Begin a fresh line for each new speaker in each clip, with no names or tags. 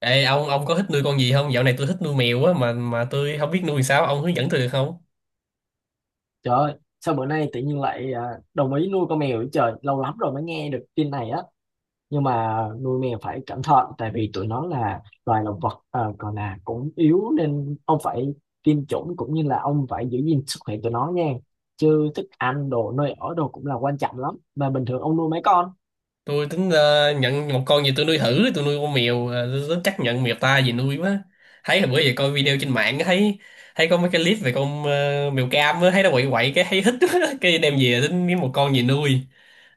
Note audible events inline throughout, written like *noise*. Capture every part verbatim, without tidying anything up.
Ê, ông ông có thích nuôi con gì không? Dạo này tôi thích nuôi mèo á mà mà tôi không biết nuôi sao, ông hướng dẫn tôi được không?
Trời ơi, sao bữa nay tự nhiên lại à, đồng ý nuôi con mèo vậy trời, lâu lắm rồi mới nghe được tin này á. Nhưng mà nuôi mèo phải cẩn thận tại vì tụi nó là loài động vật ờ, còn là cũng yếu nên ông phải tiêm chủng cũng như là ông phải giữ gìn sức khỏe tụi nó nha. Chứ thức ăn, đồ nơi ở đồ cũng là quan trọng lắm. Mà bình thường ông nuôi mấy con?
Tôi tính ờ, nhận một con gì tôi nuôi thử, tôi nuôi con mèo, ờ, tôi tính chắc nhận mèo ta gì nuôi quá. Thấy là bữa giờ coi video trên mạng á, thấy thấy có mấy cái clip về con ờ, mèo cam á, thấy nó quậy quậy cái thấy thích *laughs* quá. Cái đem về tính kiếm một con gì nuôi.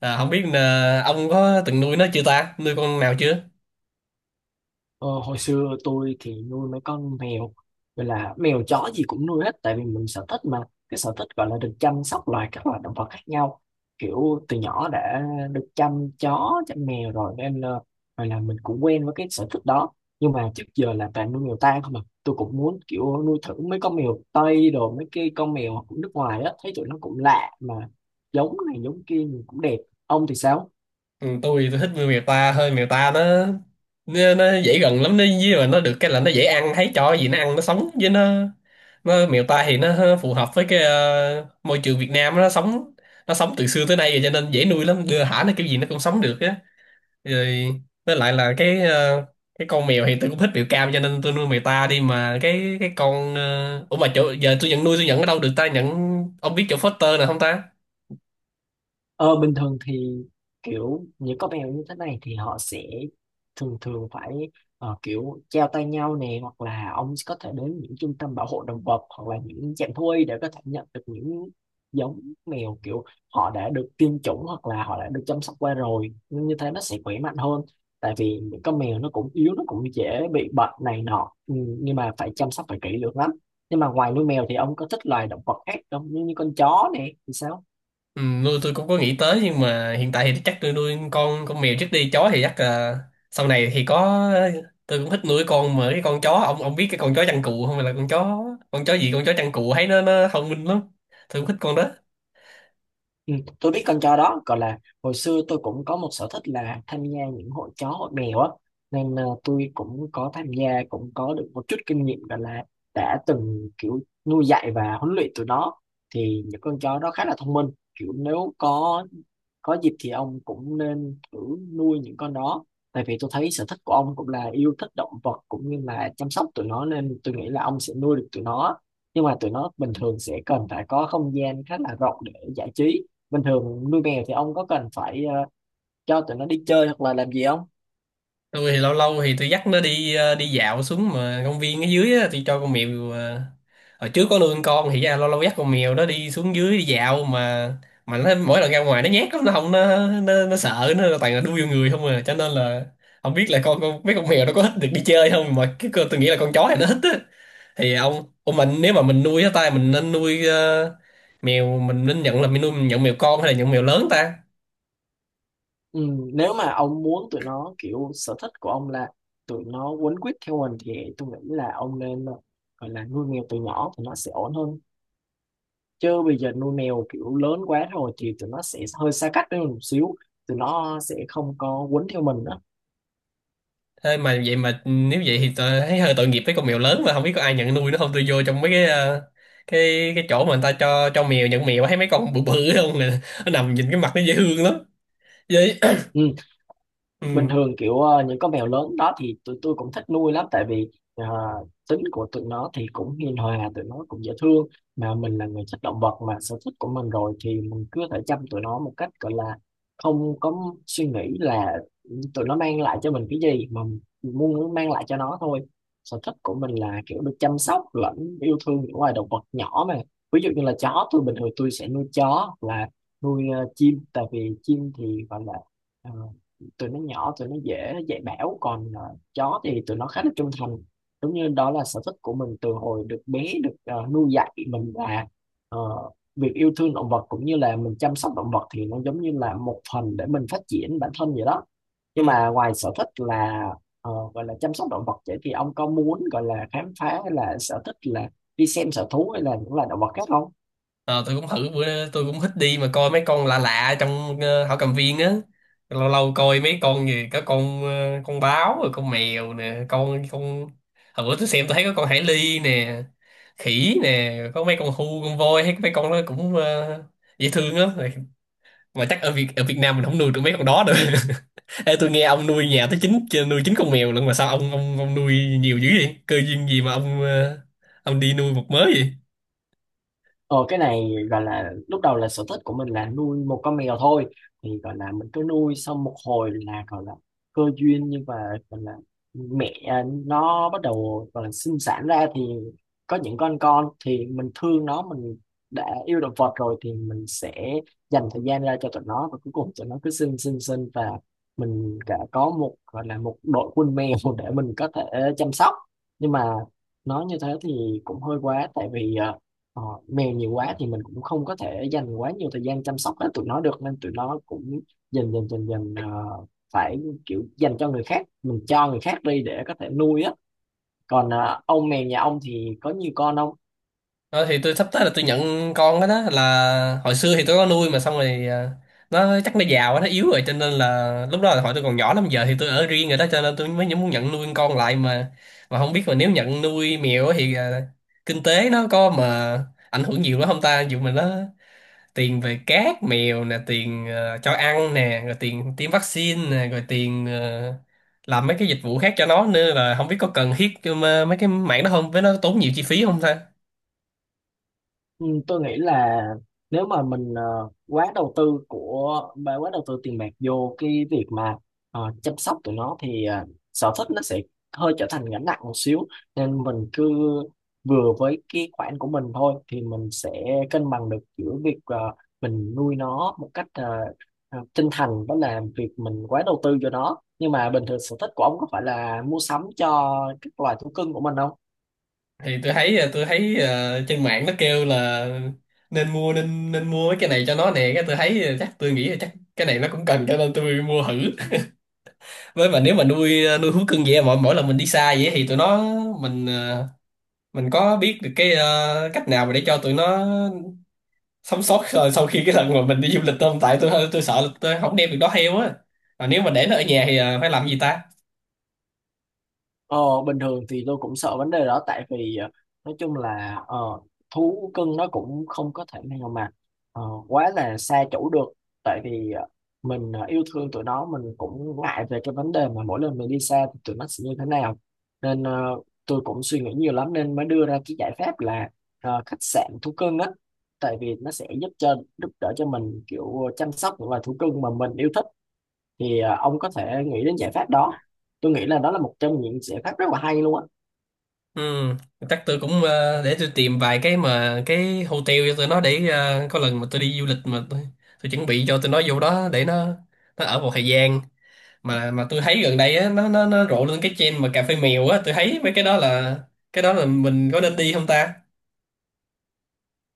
À, không biết là ông có từng nuôi nó chưa ta? Nuôi con nào chưa?
Ờ, hồi xưa tôi thì nuôi mấy con mèo, gọi là mèo chó gì cũng nuôi hết, tại vì mình sở thích mà. Cái sở thích gọi là được chăm sóc loài các loài động vật khác nhau, kiểu từ nhỏ đã được chăm chó chăm mèo rồi nên ờ, gọi là mình cũng quen với cái sở thích đó. Nhưng mà trước giờ là toàn nuôi mèo tang không à, tôi cũng muốn kiểu nuôi thử mấy con mèo Tây đồ, mấy cái con mèo của nước ngoài á, thấy tụi nó cũng lạ mà giống này giống kia nhìn cũng đẹp. Ông thì sao?
Ừ, tôi tôi thích nuôi mèo ta hơn. Mèo ta nó nó, nó dễ gần lắm, nó với mà nó được cái là nó dễ ăn, thấy cho gì nó ăn nó sống với nó. Nó mèo ta thì nó phù hợp với cái ờ, môi trường Việt Nam, nó sống, nó sống từ xưa tới nay rồi cho nên dễ nuôi lắm, đưa thả nó kiểu gì nó cũng sống được á. Rồi với lại là cái ờ, cái con mèo thì tôi cũng thích mèo cam cho nên tôi nuôi mèo ta đi, mà cái cái con ờ, ủa, mà chỗ giờ tôi nhận nuôi, tôi nhận ở đâu được ta, nhận, ông biết chỗ foster nào không ta?
Ờ, bình thường thì kiểu những con mèo như thế này thì họ sẽ thường thường phải ờ, kiểu treo tay nhau nè, hoặc là ông có thể đến những trung tâm bảo hộ động vật hoặc là những trạm thú y để có thể nhận được những giống mèo kiểu họ đã được tiêm chủng hoặc là họ đã được chăm sóc qua rồi, nhưng như thế nó sẽ khỏe mạnh hơn. Tại vì những con mèo nó cũng yếu, nó cũng dễ bị bệnh này nọ. Ừ, nhưng mà phải chăm sóc phải kỹ lưỡng lắm. Nhưng mà ngoài nuôi mèo thì ông có thích loài động vật khác không, như, như con chó nè thì sao?
Ừ, nuôi tôi cũng có nghĩ tới nhưng mà hiện tại thì chắc tôi nuôi con con mèo trước đi, chó thì chắc là sau này thì có. Tôi cũng thích nuôi con mà cái con chó, ông ông biết cái con chó chăn cừu không? Hay là con chó, con chó gì, con chó chăn cừu, thấy nó nó thông minh lắm, tôi cũng thích con đó.
Ừ, tôi biết con chó đó, gọi là hồi xưa tôi cũng có một sở thích là tham gia những hội chó hội mèo á, nên ờ, tôi cũng có tham gia, cũng có được một chút kinh nghiệm, gọi là đã từng kiểu nuôi dạy và huấn luyện tụi nó. Thì những con chó đó khá là thông minh, kiểu nếu có có dịp thì ông cũng nên thử nuôi những con đó. Tại vì tôi thấy sở thích của ông cũng là yêu thích động vật cũng như là chăm sóc tụi nó nên tôi nghĩ là ông sẽ nuôi được tụi nó. Nhưng mà tụi nó bình thường sẽ cần phải có không gian khá là rộng để giải trí. Bình thường nuôi mèo thì ông có cần phải ờ, cho tụi nó đi chơi hoặc là làm gì không?
Tôi thì lâu lâu thì tôi dắt nó đi ờ, đi dạo xuống mà công viên ở dưới á, tôi cho con mèo ờ, hồi trước có nuôi con con thì ra lâu lâu dắt con mèo nó đi xuống dưới đi dạo mà. Mà nó mỗi lần ra ngoài nó nhát lắm, nó không nó nó, nó sợ, nó toàn là đu vô người không à, cho nên là không biết là con con mấy con mèo nó có thích được đi chơi không, mà cái cơ tôi nghĩ là con chó này nó thích á. Thì ông ông mình, nếu mà mình nuôi á tay mình nên nuôi ờ, mèo, mình nên nhận là mình nuôi, mình nhận mèo con hay là nhận mèo lớn ta?
Ừ, nếu mà ông muốn tụi nó kiểu sở thích của ông là tụi nó quấn quýt theo mình thì tôi nghĩ là ông nên ờ, gọi là nuôi mèo từ nhỏ thì nó sẽ ổn hơn. Chứ bây giờ nuôi mèo kiểu lớn quá rồi thì tụi nó sẽ hơi xa cách với mình một xíu, tụi nó sẽ không có quấn theo mình nữa.
Thế mà vậy mà nếu vậy thì tôi thấy hơi tội nghiệp với con mèo lớn, mà không biết có ai nhận nuôi nó không. Tôi vô trong mấy cái ờ, cái cái chỗ mà người ta cho cho mèo nhận mèo, thấy mấy con bự bự *laughs* không nè, nó nằm nhìn cái mặt nó dễ thương lắm vậy. *coughs*
Ừ, bình
Ừ.
thường kiểu ờ, những con mèo lớn đó thì tụi tôi cũng thích nuôi lắm, tại vì ờ, tính của tụi nó thì cũng hiền hòa, tụi nó cũng dễ thương. Mà mình là người thích động vật mà, sở thích của mình rồi thì mình cứ thể chăm tụi nó một cách gọi là không có suy nghĩ là tụi nó mang lại cho mình cái gì, mà mình muốn mang lại cho nó thôi. Sở thích của mình là kiểu được chăm sóc lẫn yêu thương những loài động vật nhỏ mà, ví dụ như là chó, tôi bình thường tôi sẽ nuôi chó hoặc là nuôi ờ, chim, tại vì chim thì gọi là ờ, tụi nó nhỏ, tụi nó dễ dạy bảo, còn ờ, chó thì tụi nó khá là trung thành. Đúng như đó là sở thích của mình từ hồi được bé, được ờ, nuôi dạy mình là ờ, việc yêu thương động vật cũng như là mình chăm sóc động vật thì nó giống như là một phần để mình phát triển bản thân vậy đó. Nhưng
Ừ,
mà ngoài sở thích là ờ, gọi là chăm sóc động vật vậy thì ông có muốn gọi là khám phá hay là sở thích là đi xem sở thú hay là những loài động vật khác không?
ờ, tôi cũng thử bữa tôi cũng thích đi mà coi mấy con lạ lạ trong ờ, thảo cầm viên á, lâu lâu coi mấy con gì có con ờ, con báo rồi con mèo nè, con con hồi bữa tôi xem tôi thấy có con hải ly nè, khỉ nè, có mấy con hươu, con voi, thấy mấy con nó cũng ờ, dễ thương á. Mà chắc ở Việt ở Việt Nam mình không nuôi được mấy con đó được. *laughs* Ê, tôi nghe ông nuôi nhà tới chín, nuôi chín con mèo lận, mà sao ông ông ông nuôi nhiều dữ vậy, cơ duyên gì mà ông ờ, ông đi nuôi một mớ vậy?
Ờ, cái này gọi là lúc đầu là sở thích của mình là nuôi một con mèo thôi, thì gọi là mình cứ nuôi xong một hồi là gọi là cơ duyên, nhưng mà gọi là mẹ à, nó bắt đầu gọi là sinh sản ra thì có những con con thì mình thương nó, mình đã yêu động vật rồi thì mình sẽ dành thời gian ra cho tụi nó, và cuối cùng tụi nó cứ sinh sinh sinh và mình đã có một, gọi là một đội quân mèo *laughs* để mình có thể chăm sóc. Nhưng mà nói như thế thì cũng hơi quá, tại vì à, Ờ, mèo nhiều quá thì mình cũng không có thể dành quá nhiều thời gian chăm sóc hết tụi nó được, nên tụi nó cũng dần dần dần dần ờ, phải kiểu dành cho người khác, mình cho người khác đi để có thể nuôi á. Còn ờ, ông mèo nhà ông thì có nhiều con không?
Ờ, thì tôi sắp tới là tôi nhận con đó. Đó là hồi xưa thì tôi có nuôi mà xong rồi ờ, nó chắc nó già quá, nó yếu rồi, cho nên là lúc đó là hồi tôi còn nhỏ lắm, giờ thì tôi ở riêng rồi đó cho nên tôi mới muốn nhận nuôi con con lại mà. Mà không biết mà nếu nhận nuôi mèo á thì ờ, kinh tế nó có mà ảnh hưởng nhiều lắm không ta, dù mà nó tiền về cát mèo nè, tiền ờ, cho ăn nè, rồi tiền tiêm vaccine nè, rồi tiền ờ, làm mấy cái dịch vụ khác cho nó nữa, là không biết có cần thiết cho mà- mấy cái mạng đó không, với nó tốn nhiều chi phí không ta?
Ừ, tôi nghĩ là nếu mà mình ờ, quá đầu tư của bà quá đầu tư tiền bạc vô cái việc mà ờ, chăm sóc tụi nó thì ờ, sở thích nó sẽ hơi trở thành gánh nặng một xíu. Nên mình cứ vừa với cái khoản của mình thôi thì mình sẽ cân bằng được giữa việc ờ, mình nuôi nó một cách ờ, ờ, chân thành, đó là việc mình quá đầu tư cho nó. Nhưng mà bình thường sở thích của ông có phải là mua sắm cho các loài thú cưng của mình không?
Thì tôi thấy ờ, tôi thấy ờ, trên mạng nó kêu là nên mua nên nên mua mấy cái này cho nó nè, cái tôi thấy ờ, chắc tôi nghĩ là chắc cái này nó cũng cần cho nên tôi mua thử. Với mà nếu mà nuôi ờ, nuôi thú cưng vậy, mỗi mỗi lần mình đi xa vậy thì tụi nó, mình ờ, mình có biết được cái ờ, cách nào mà để cho tụi nó sống sót rồi sau khi cái lần mà mình đi du lịch tôm, tại tôi tôi sợ là tôi không đem việc đó theo á, mà nếu mà để nó ở nhà thì ờ, phải làm gì ta?
Ờ, bình thường thì tôi cũng sợ vấn đề đó, tại vì ờ, nói chung là ờ, thú cưng nó cũng không có thể nào mà ờ, quá là xa chủ được. Tại vì ờ, mình ờ, yêu thương tụi nó, mình cũng ngại về cái vấn đề mà mỗi lần mình đi xa thì tụi nó sẽ như thế nào. Nên ờ, tôi cũng suy nghĩ nhiều lắm nên mới đưa ra cái giải pháp là ờ, khách sạn thú cưng á. Tại vì nó sẽ giúp cho giúp đỡ cho mình kiểu chăm sóc những loài thú cưng mà mình yêu thích. Thì à, ông có thể nghĩ đến giải pháp đó, tôi nghĩ là đó là một trong những giải pháp rất là hay luôn á.
Ừ, chắc tôi cũng ờ, để tôi tìm vài cái mà cái hotel cho tụi nó, để ờ, có lần mà tôi đi du lịch mà tôi, tôi chuẩn bị cho tụi nó vô đó để nó nó ở một thời gian. Mà mà tôi thấy gần đây á nó nó nó rộ lên cái trend mà cà phê mèo á, tôi thấy mấy cái đó là cái đó là mình có nên đi không ta?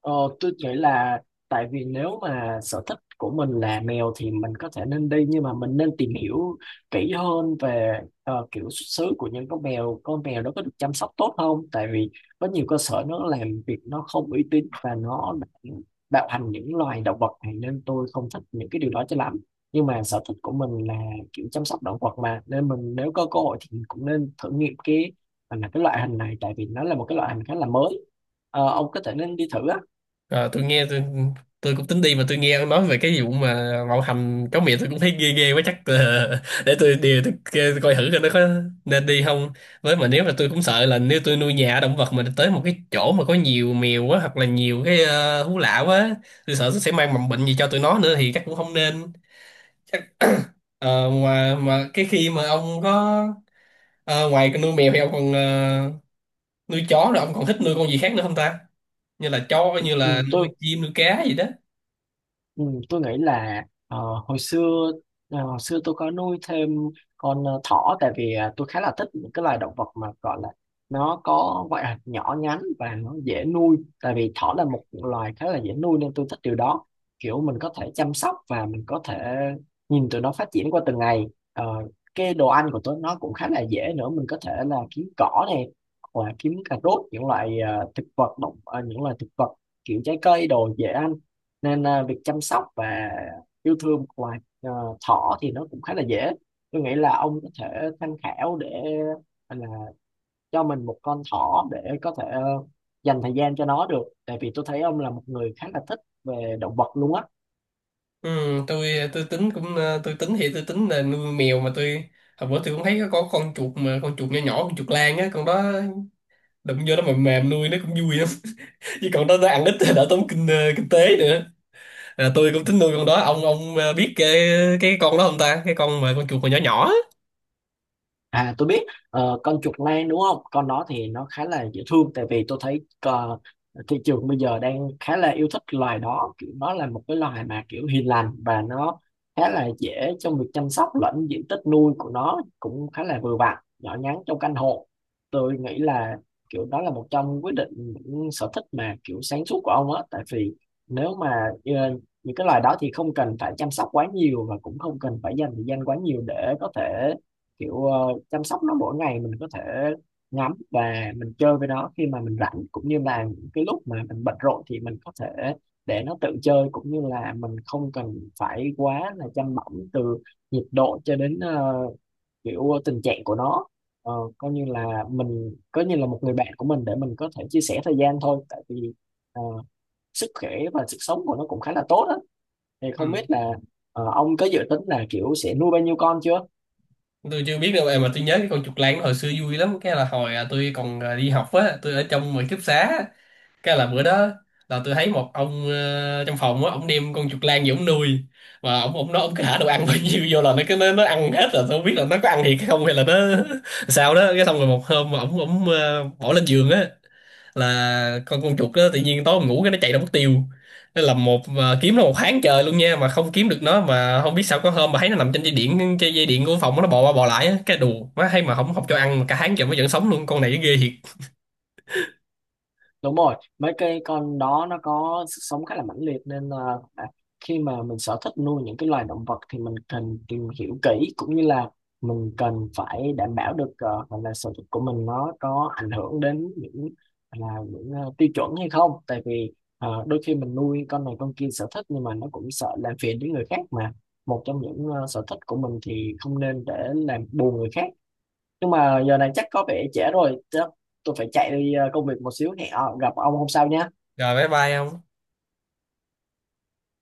Ờ, tôi nghĩ là tại vì nếu mà sở thích của mình là mèo thì mình có thể nên đi, nhưng mà mình nên tìm hiểu kỹ hơn về ờ, kiểu xuất xứ của những con mèo, con mèo đó có được chăm sóc tốt không, tại vì có nhiều cơ sở nó làm việc nó không uy tín và nó đã bạo hành những loài động vật này, nên tôi không thích những cái điều đó cho lắm. Nhưng mà sở thích của mình là kiểu chăm sóc động vật mà, nên mình nếu có cơ hội thì mình cũng nên thử nghiệm cái à, là cái loại hình này, tại vì nó là một cái loại hình khá là mới. Ờ, ông có thể nên đi thử á.
Ờ, tôi nghe tôi, tôi cũng tính đi mà tôi nghe ông nói về cái vụ mà bạo hành chó mẹ, tôi cũng thấy ghê ghê quá, chắc là *laughs* để tôi điều tôi, kê- tôi coi thử coi nó có nên đi không. Với mà nếu mà tôi cũng sợ là nếu tôi nuôi nhà động vật mà tới một cái chỗ mà có nhiều mèo quá hoặc là nhiều cái ờ, thú lạ quá, tôi sợ tôi sẽ mang mầm bệnh gì cho tụi nó nữa thì chắc cũng không nên. Chắc ờ, mà mà cái khi mà ông có ờ, ngoài nuôi mèo thì ông còn ờ, nuôi chó, rồi ông còn thích nuôi con gì khác nữa không ta, như là chó, như
Ừ,
là nuôi
tôi
chim, nuôi cá gì đó?
ừ, tôi nghĩ là ờ, hồi xưa ờ, hồi xưa tôi có nuôi thêm con ờ, thỏ, tại vì ờ, tôi khá là thích những cái loài động vật mà gọi là nó có ngoại hình nhỏ nhắn và nó dễ nuôi. Tại vì thỏ là một loài khá là dễ nuôi nên tôi thích điều đó, kiểu mình có thể chăm sóc và mình có thể nhìn tụi nó phát triển qua từng ngày. Ờ, cái đồ ăn của tụi nó cũng khá là dễ nữa, mình có thể là kiếm cỏ này hoặc là kiếm cà rốt, những loại ờ, thực vật động ờ, những loại thực vật kiểu trái cây đồ dễ ăn. Nên à, việc chăm sóc và yêu thương của loài à, thỏ thì nó cũng khá là dễ. Tôi nghĩ là ông có thể tham khảo để là cho mình một con thỏ để có thể ờ, dành thời gian cho nó được, tại vì tôi thấy ông là một người khá là thích về động vật luôn á.
Ừ, tôi tôi tính cũng ờ, tôi tính thì tôi tính là nuôi mèo mà tôi hồi bữa tôi cũng thấy có con chuột mà con chuột nhỏ nhỏ, con chuột lang á, con đó đụng vô nó mềm mềm, nuôi nó cũng vui lắm. *laughs* Chứ còn đó nó ăn ít thì đỡ tốn kinh ờ, kinh tế nữa. À, tôi cũng tính nuôi con đó. Ông ông ờ, biết cái cái con đó không ta, cái con mà con chuột còn nhỏ nhỏ á.
À, tôi biết, ờ, con chuột lang đúng không? Con đó thì nó khá là dễ thương, tại vì tôi thấy ờ, thị trường bây giờ đang khá là yêu thích loài đó, kiểu nó là một cái loài mà kiểu hiền lành và nó khá là dễ trong việc chăm sóc, lẫn diện tích nuôi của nó cũng khá là vừa vặn, nhỏ nhắn trong căn hộ. Tôi nghĩ là kiểu đó là một trong quyết định những sở thích mà kiểu sáng suốt của ông á, tại vì nếu mà ờ, những cái loài đó thì không cần phải chăm sóc quá nhiều và cũng không cần phải dành thời gian quá nhiều để có thể kiểu ờ, chăm sóc nó mỗi ngày. Mình có thể ngắm và mình chơi với nó khi mà mình rảnh, cũng như là những cái lúc mà mình bận rộn thì mình có thể để nó tự chơi, cũng như là mình không cần phải quá là chăm bẵm từ nhiệt độ cho đến ờ, kiểu tình trạng của nó. Ờ, coi như là mình coi như là một người bạn của mình để mình có thể chia sẻ thời gian thôi, tại vì ờ, sức khỏe và sức sống của nó cũng khá là tốt á. Thì
Ừ.
không biết là ờ, ông có dự tính là kiểu sẽ nuôi bao nhiêu con chưa?
Tôi chưa biết đâu em, mà tôi nhớ cái con chuột lang nó hồi xưa vui lắm. Cái là hồi à, tôi còn à, đi học á, tôi ở trong ký túc xá, cái là bữa đó là tôi thấy một ông ờ, trong phòng á, ông đem con chuột lang gì ông nuôi. Mà ông ông nói ông cứ thả đồ ăn *laughs* bao nhiêu vô là nó cứ nó, nó ăn hết, rồi tôi không biết là nó có ăn thiệt hay không hay là nó *laughs* sao đó. Cái xong rồi một hôm mà ông ông ờ, bỏ lên giường á, là con con chuột đó tự nhiên tối mình ngủ cái nó chạy ra mất tiêu. Nó làm một mà kiếm nó một tháng trời luôn nha, mà không kiếm được nó, mà không biết sao có hôm mà thấy nó nằm trên dây điện, trên dây điện của phòng, nó bò qua bò lại á. Cái đù má, hay mà không, không cho ăn mà cả tháng trời mới vẫn sống luôn, con này ghê thiệt.
Đúng rồi, mấy cái con đó nó có sức sống khá là mãnh liệt, nên là à, khi mà mình sở thích nuôi những cái loài động vật thì mình cần tìm hiểu kỹ, cũng như là mình cần phải đảm bảo được ờ, gọi là sở thích của mình nó có ảnh hưởng đến những là những ờ, tiêu chuẩn hay không. Tại vì ờ, đôi khi mình nuôi con này con kia sở thích, nhưng mà nó cũng sợ làm phiền đến người khác mà, một trong những ờ, sở thích của mình thì không nên để làm buồn người khác. Nhưng mà giờ này chắc có vẻ trễ rồi, chắc tôi phải chạy đi ờ, công việc một xíu, hẹn ờ, gặp ông hôm sau nhé.
Rồi, bye bye không.